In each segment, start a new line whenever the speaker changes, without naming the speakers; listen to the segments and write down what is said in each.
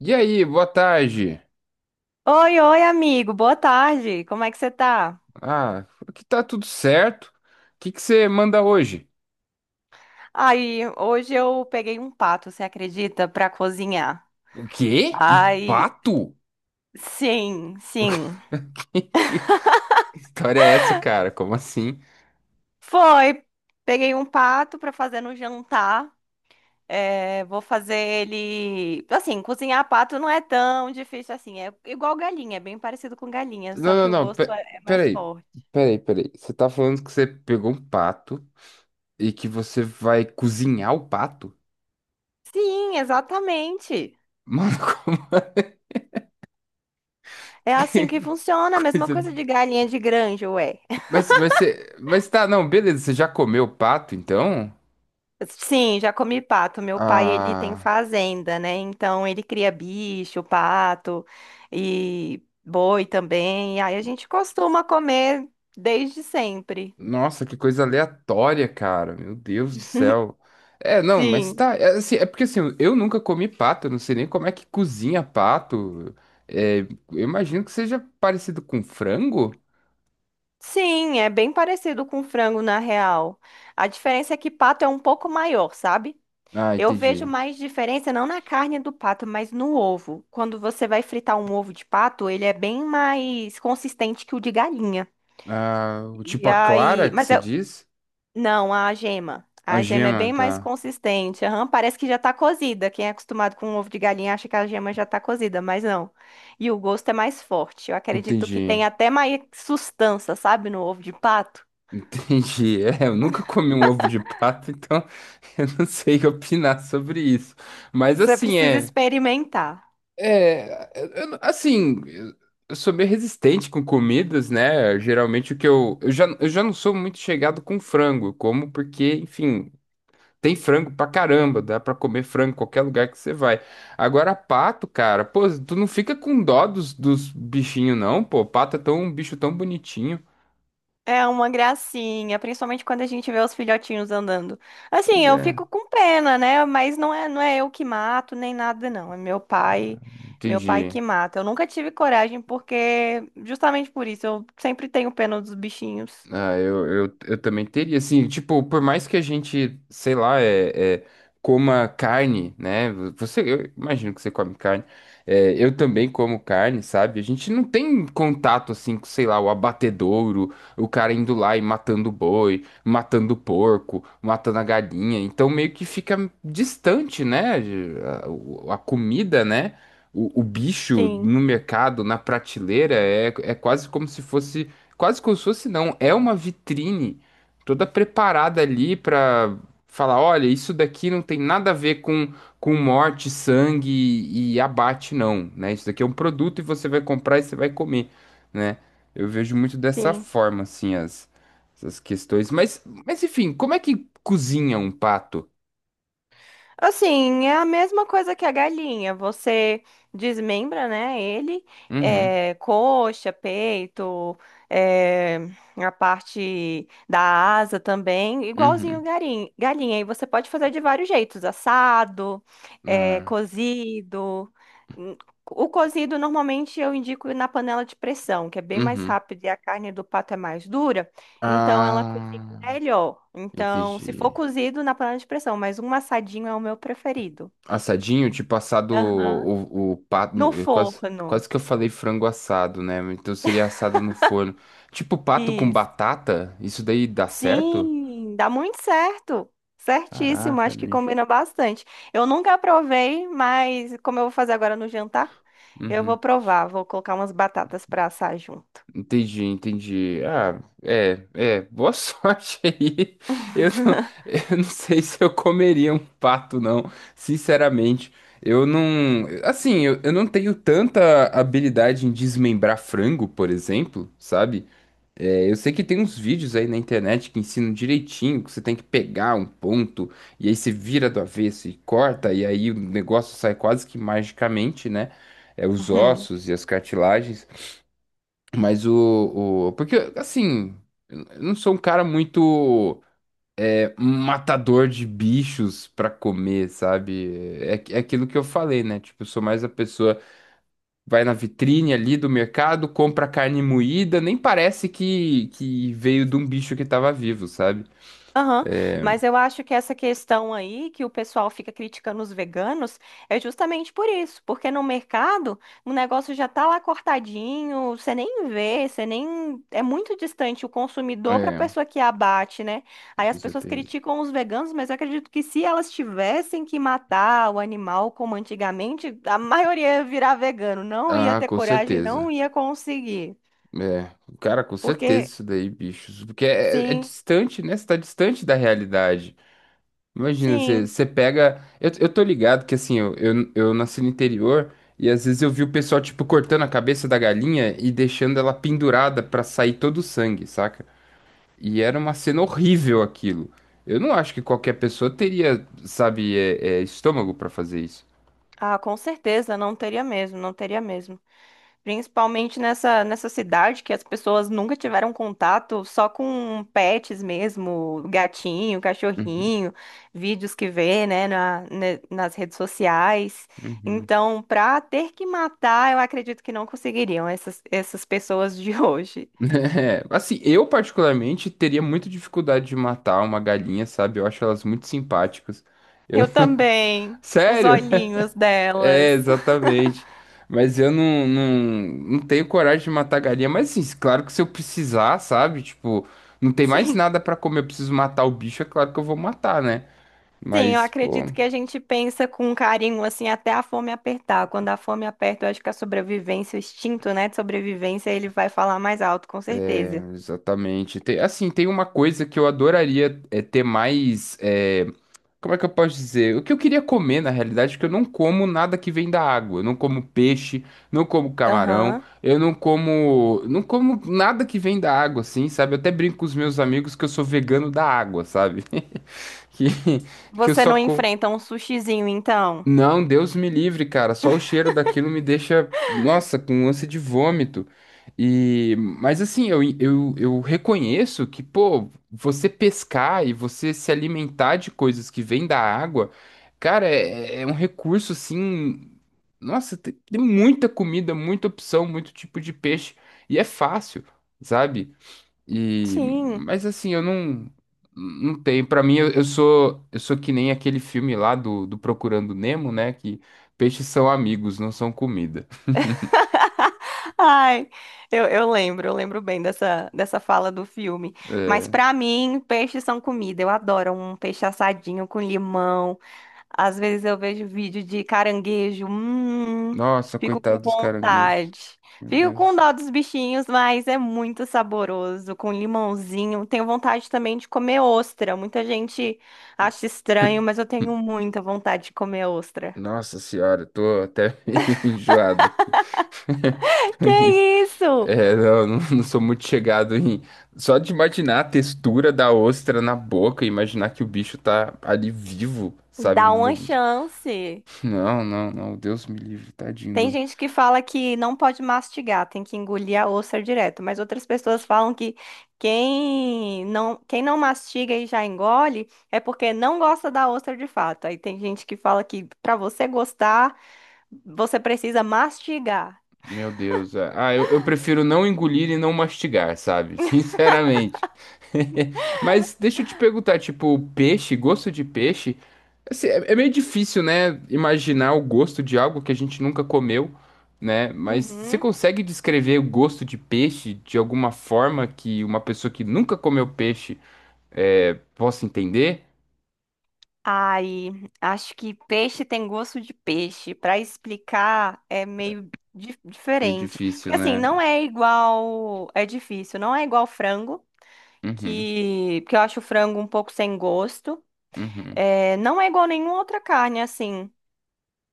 E aí, boa tarde.
Oi, oi, amigo. Boa tarde. Como é que você tá?
Ah, aqui tá tudo certo. O que que você manda hoje?
Aí, hoje eu peguei um pato, você acredita, pra cozinhar.
O quê? Um
Ai,
pato?
sim, sim.
Que história é essa, cara? Como assim?
Foi. Peguei um pato pra fazer no jantar. É, vou fazer ele. Assim, cozinhar pato não é tão difícil assim. É igual galinha, é bem parecido com galinha, só
Não, não,
que o
não.
gosto é mais
Peraí.
forte.
Peraí. Você tá falando que você pegou um pato e que você vai cozinhar o pato?
Sim, exatamente.
Mano, como
É assim
que
que funciona, a mesma
coisa.
coisa de galinha de granja, ué.
Mas você. Mas tá, não, beleza. Você já comeu o pato, então?
Sim, já comi pato. Meu pai, ele tem
Ah.
fazenda, né? Então ele cria bicho, pato e boi também. E aí a gente costuma comer desde sempre.
Nossa, que coisa aleatória, cara. Meu Deus do céu. É, não, mas
Sim.
tá. É porque assim, eu nunca comi pato, eu não sei nem como é que cozinha pato. Eu imagino que seja parecido com frango.
Sim, é bem parecido com frango na real. A diferença é que pato é um pouco maior, sabe?
Ah,
Eu vejo
entendi.
mais diferença não na carne do pato, mas no ovo. Quando você vai fritar um ovo de pato, ele é bem mais consistente que o de galinha.
Ah, o tipo
E
a clara
aí,
que
mas
você
é-
diz?
Não, a gema.
A
A gema é
gema,
bem mais
tá.
consistente. Aham, parece que já tá cozida. Quem é acostumado com ovo de galinha acha que a gema já tá cozida, mas não. E o gosto é mais forte. Eu acredito que
Entendi.
tem até mais sustância, sabe, no ovo de pato.
Entendi. Eu nunca comi um ovo de pato, então eu não sei opinar sobre isso. Mas
Você
assim,
precisa
é.
experimentar.
Assim, eu sou meio resistente com comidas, né? Geralmente o que eu já não sou muito chegado com frango, eu como porque, enfim, tem frango pra caramba, dá pra comer frango em qualquer lugar que você vai. Agora, pato, cara, pô, tu não fica com dó dos bichinhos, não, pô, pato é tão, um bicho tão bonitinho.
É uma gracinha, principalmente quando a gente vê os filhotinhos andando.
Pois
Assim, eu
é,
fico com pena, né? Mas não é eu que mato nem nada, não. É meu pai
entendi.
que mata. Eu nunca tive coragem porque, justamente por isso, eu sempre tenho pena dos bichinhos.
Ah, eu também teria, assim, tipo, por mais que a gente, sei lá, é, coma carne, né? Eu imagino que você come carne. É, eu também como carne, sabe? A gente não tem contato, assim, com, sei lá, o abatedouro, o cara indo lá e matando o boi, matando o porco, matando a galinha. Então, meio que fica distante, né? A, a comida, né? O bicho
Sim,
no mercado, na prateleira, é quase como se fosse quase como se fosse não, é uma vitrine toda preparada ali para falar, olha, isso daqui não tem nada a ver com morte, sangue e abate não, né? Isso daqui é um produto e você vai comprar e você vai comer, né? Eu vejo muito dessa
sim.
forma assim as essas questões, mas enfim, como é que cozinha um pato?
Assim, é a mesma coisa que a galinha. Você desmembra, né, ele,
Uhum,
coxa, peito, é, a parte da asa também, igualzinho
uhum,
galinha. E você pode fazer de vários jeitos, assado,
ah,
cozido. Hum, O cozido normalmente eu indico na panela de pressão, que é bem mais
uhum.
rápido e a carne do pato é mais dura. Então ela cozinha
Ah,
melhor. Então, se for
entendi.
cozido na panela de pressão, mas um assadinho é o meu preferido.
Assadinho, tipo assado
Aham.
o pato.
No
No- eu Quase,
forno.
quase que eu falei frango assado, né? Então seria assado no forno. Tipo pato com
Isso.
batata? Isso daí dá certo?
Sim, dá muito certo. Certíssimo,
Caraca,
acho que
bicho.
combina bastante. Eu nunca provei, mas como eu vou fazer agora no jantar, eu vou
Uhum.
provar. Vou colocar umas batatas para assar junto.
Entendi. Boa sorte aí. Eu não, eu não sei se eu comeria um pato, não. Sinceramente, eu não. Assim, eu não tenho tanta habilidade em desmembrar frango, por exemplo, sabe? Eu sei que tem uns vídeos aí na internet que ensinam direitinho, que você tem que pegar um ponto e aí você vira do avesso e corta, e aí o negócio sai quase que magicamente, né? É, os ossos e as cartilagens. Mas porque, assim, eu não sou um cara muito matador de bichos pra comer, sabe? É, é aquilo que eu falei, né? Tipo, eu sou mais a pessoa vai na vitrine ali do mercado, compra carne moída, nem parece que veio de um bicho que estava vivo, sabe?
Aham.
É,
Mas eu acho que essa questão aí que o pessoal fica criticando os veganos é justamente por isso, porque no mercado o negócio já tá lá cortadinho, você nem vê, você nem. É muito distante o consumidor para a
é,
pessoa que abate, né? Aí
com
as pessoas
certeza.
criticam os veganos, mas eu acredito que se elas tivessem que matar o animal como antigamente, a maioria ia virar vegano, não ia
Ah,
ter
com
coragem, não
certeza.
ia conseguir.
É, cara, com certeza
Porque,
isso daí, bichos. Porque é
sim,
distante, né? Você tá distante da realidade. Imagina,
sim.
você pega. Eu tô ligado que assim, eu nasci no interior e às vezes eu vi o pessoal, tipo, cortando a cabeça da galinha e deixando ela pendurada pra sair todo o sangue, saca? E era uma cena horrível aquilo. Eu não acho que qualquer pessoa teria, sabe, estômago pra fazer isso.
Ah, com certeza, não teria mesmo, não teria mesmo. Principalmente nessa cidade que as pessoas nunca tiveram contato só com pets mesmo, gatinho,
Uhum,
cachorrinho, vídeos que vê, né, nas redes sociais.
uhum.
Então, pra ter que matar, eu acredito que não conseguiriam essas pessoas de hoje.
É, assim, eu particularmente teria muita dificuldade de matar uma galinha, sabe? Eu acho elas muito simpáticas. Eu...
Eu também, os
Sério?
olhinhos
É,
delas.
exatamente. Mas eu não, não, não tenho coragem de matar galinha. Mas assim, claro que se eu precisar, sabe? Tipo, não tem mais
Gente.
nada pra comer, eu preciso matar o bicho, é claro que eu vou matar, né?
Sim, eu
Mas, pô.
acredito que a gente pensa com carinho, assim, até a fome apertar. Quando a fome aperta, eu acho que a sobrevivência, o instinto, né, de sobrevivência, ele vai falar mais alto, com certeza.
Exatamente. Tem uma coisa que eu adoraria ter mais. Como é que eu posso dizer? O que eu queria comer, na realidade, é que eu não como nada que vem da água. Eu não como peixe, não como camarão,
Aham.
eu não como. Não como nada que vem da água, assim, sabe? Eu até brinco com os meus amigos que eu sou vegano da água, sabe? Que, que eu
Você
só
não
como.
enfrenta um sushizinho, então?
Não, Deus me livre, cara. Só o cheiro daquilo me deixa, nossa, com ânsia de vômito. E, mas assim, eu reconheço que, pô, você pescar e você se alimentar de coisas que vêm da água, cara, é um recurso assim. Nossa, tem muita comida, muita opção, muito tipo de peixe. E é fácil, sabe? E,
Sim.
mas assim, eu não, não tenho. Pra mim, eu sou que nem aquele filme lá do Procurando Nemo, né? Que peixes são amigos, não são comida.
Ai, eu lembro bem dessa fala do filme. Mas
É,
pra mim, peixes são comida. Eu adoro um peixe assadinho com limão. Às vezes eu vejo vídeo de caranguejo,
nossa,
fico com
coitado dos caranguejos.
vontade.
Meu
Fico com
Deus.
dó dos bichinhos, mas é muito saboroso, com limãozinho. Tenho vontade também de comer ostra. Muita gente acha estranho, mas eu tenho muita vontade de comer ostra.
Nossa senhora, eu tô até meio enjoado aqui. Com isso.
Que isso?
É, não sou muito chegado em. Só de imaginar a textura da ostra na boca, imaginar que o bicho tá ali vivo, sabe? Um
Dá uma
molusco.
chance.
Não, não, não. Deus me livre, tadinho
Tem
do...
gente que fala que não pode mastigar, tem que engolir a ostra direto, mas outras pessoas falam que quem não mastiga e já engole é porque não gosta da ostra de fato. Aí tem gente que fala que para você gostar, você precisa mastigar.
Meu Deus. Ah, eu prefiro não engolir e não mastigar, sabe? Sinceramente. Mas deixa eu te perguntar, tipo, peixe, gosto de peixe? Assim, é meio difícil, né? Imaginar o gosto de algo que a gente nunca comeu, né? Mas você
Uhum.
consegue descrever o gosto de peixe de alguma forma que uma pessoa que nunca comeu peixe possa entender?
Ai, acho que peixe tem gosto de peixe. Para explicar é meio
É
diferente.
difícil,
Porque assim,
né?
não é igual, é difícil, não é igual frango.
Uhum,
Que eu acho o frango um pouco sem gosto.
uhum.
É, não é igual nenhuma outra carne, assim.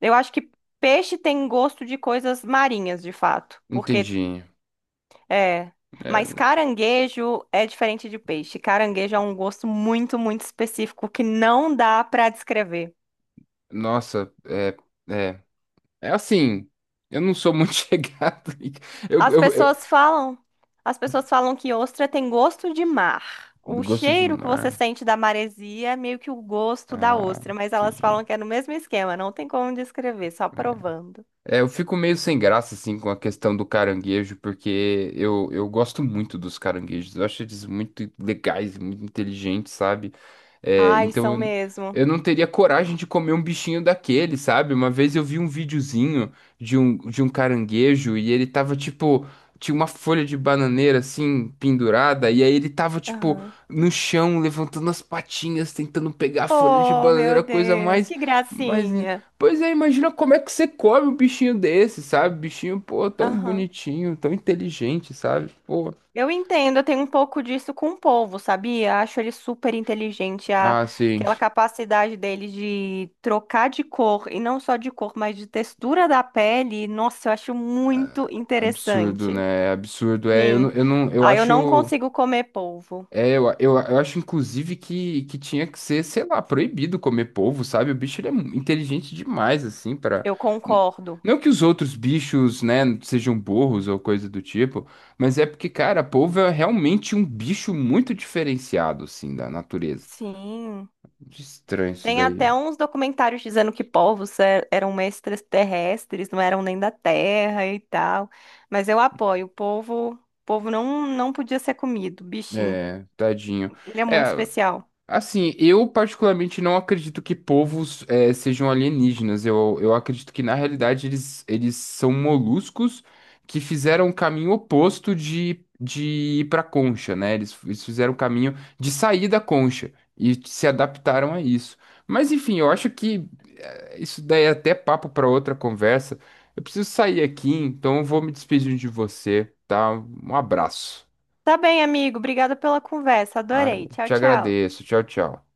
Eu acho que peixe tem gosto de coisas marinhas, de fato. Porque
Entendi.
é.
É,
Mas caranguejo é diferente de peixe. Caranguejo é um gosto muito, muito específico que não dá pra descrever.
nossa, é, é assim. Eu não sou muito chegado. Eu,
As
eu, eu-
pessoas falam, as pessoas falam que ostra tem gosto de mar. O
Gosto de
cheiro que você
mar.
sente da maresia é meio que o gosto da
Ah,
ostra, mas elas falam
decidi.
que é no mesmo esquema, não tem como descrever, só provando.
É, eu fico meio sem graça, assim, com a questão do caranguejo, porque eu gosto muito dos caranguejos. Eu acho eles muito legais, muito inteligentes, sabe? É,
Ai,
então
são mesmo.
eu não teria coragem de comer um bichinho daquele, sabe? Uma vez eu vi um videozinho de um caranguejo e ele tava, tipo, tinha uma folha de bananeira, assim, pendurada, e aí ele tava, tipo,
Aham.
no chão, levantando as patinhas, tentando pegar a folha de
Oh, meu
bananeira, coisa
Deus,
mais...
que
Mas
gracinha.
pois é, imagina como é que você come um bichinho desse, sabe? Bichinho, pô, tão
Aham.
bonitinho, tão inteligente, sabe? Pô.
Eu entendo, eu tenho um pouco disso com o povo, sabia? Acho ele super inteligente,
Ah, sim.
aquela capacidade dele de trocar de cor, e não só de cor, mas de textura da pele. Nossa, eu acho muito
Absurdo,
interessante.
né? Absurdo. É, eu não,
Sim.
eu não, eu
Ah, eu não
acho,
consigo comer polvo.
é, Eu acho inclusive que tinha que ser, sei lá, proibido comer polvo, sabe? O bicho ele é inteligente demais assim para
Eu concordo.
não que os outros bichos, né, sejam burros ou coisa do tipo, mas é porque, cara, polvo é realmente um bicho muito diferenciado assim da natureza.
Sim.
Muito estranho isso
Tem
daí.
até uns documentários dizendo que eram extraterrestres, não eram nem da Terra e tal. Mas eu apoio. O povo, não podia ser comido. Bichinho.
É, tadinho.
Ele é muito
É,
especial.
assim, eu particularmente não acredito que povos sejam alienígenas. Eu acredito que, na realidade, eles são moluscos que fizeram o caminho oposto de ir pra concha, né? Eles fizeram o caminho de sair da concha e se adaptaram a isso. Mas, enfim, eu acho que isso daí é até papo pra outra conversa. Eu preciso sair aqui, então eu vou me despedir de você, tá? Um abraço.
Tá bem, amigo. Obrigada pela conversa.
Ah,
Adorei. Tchau,
te
tchau.
agradeço. Tchau, tchau.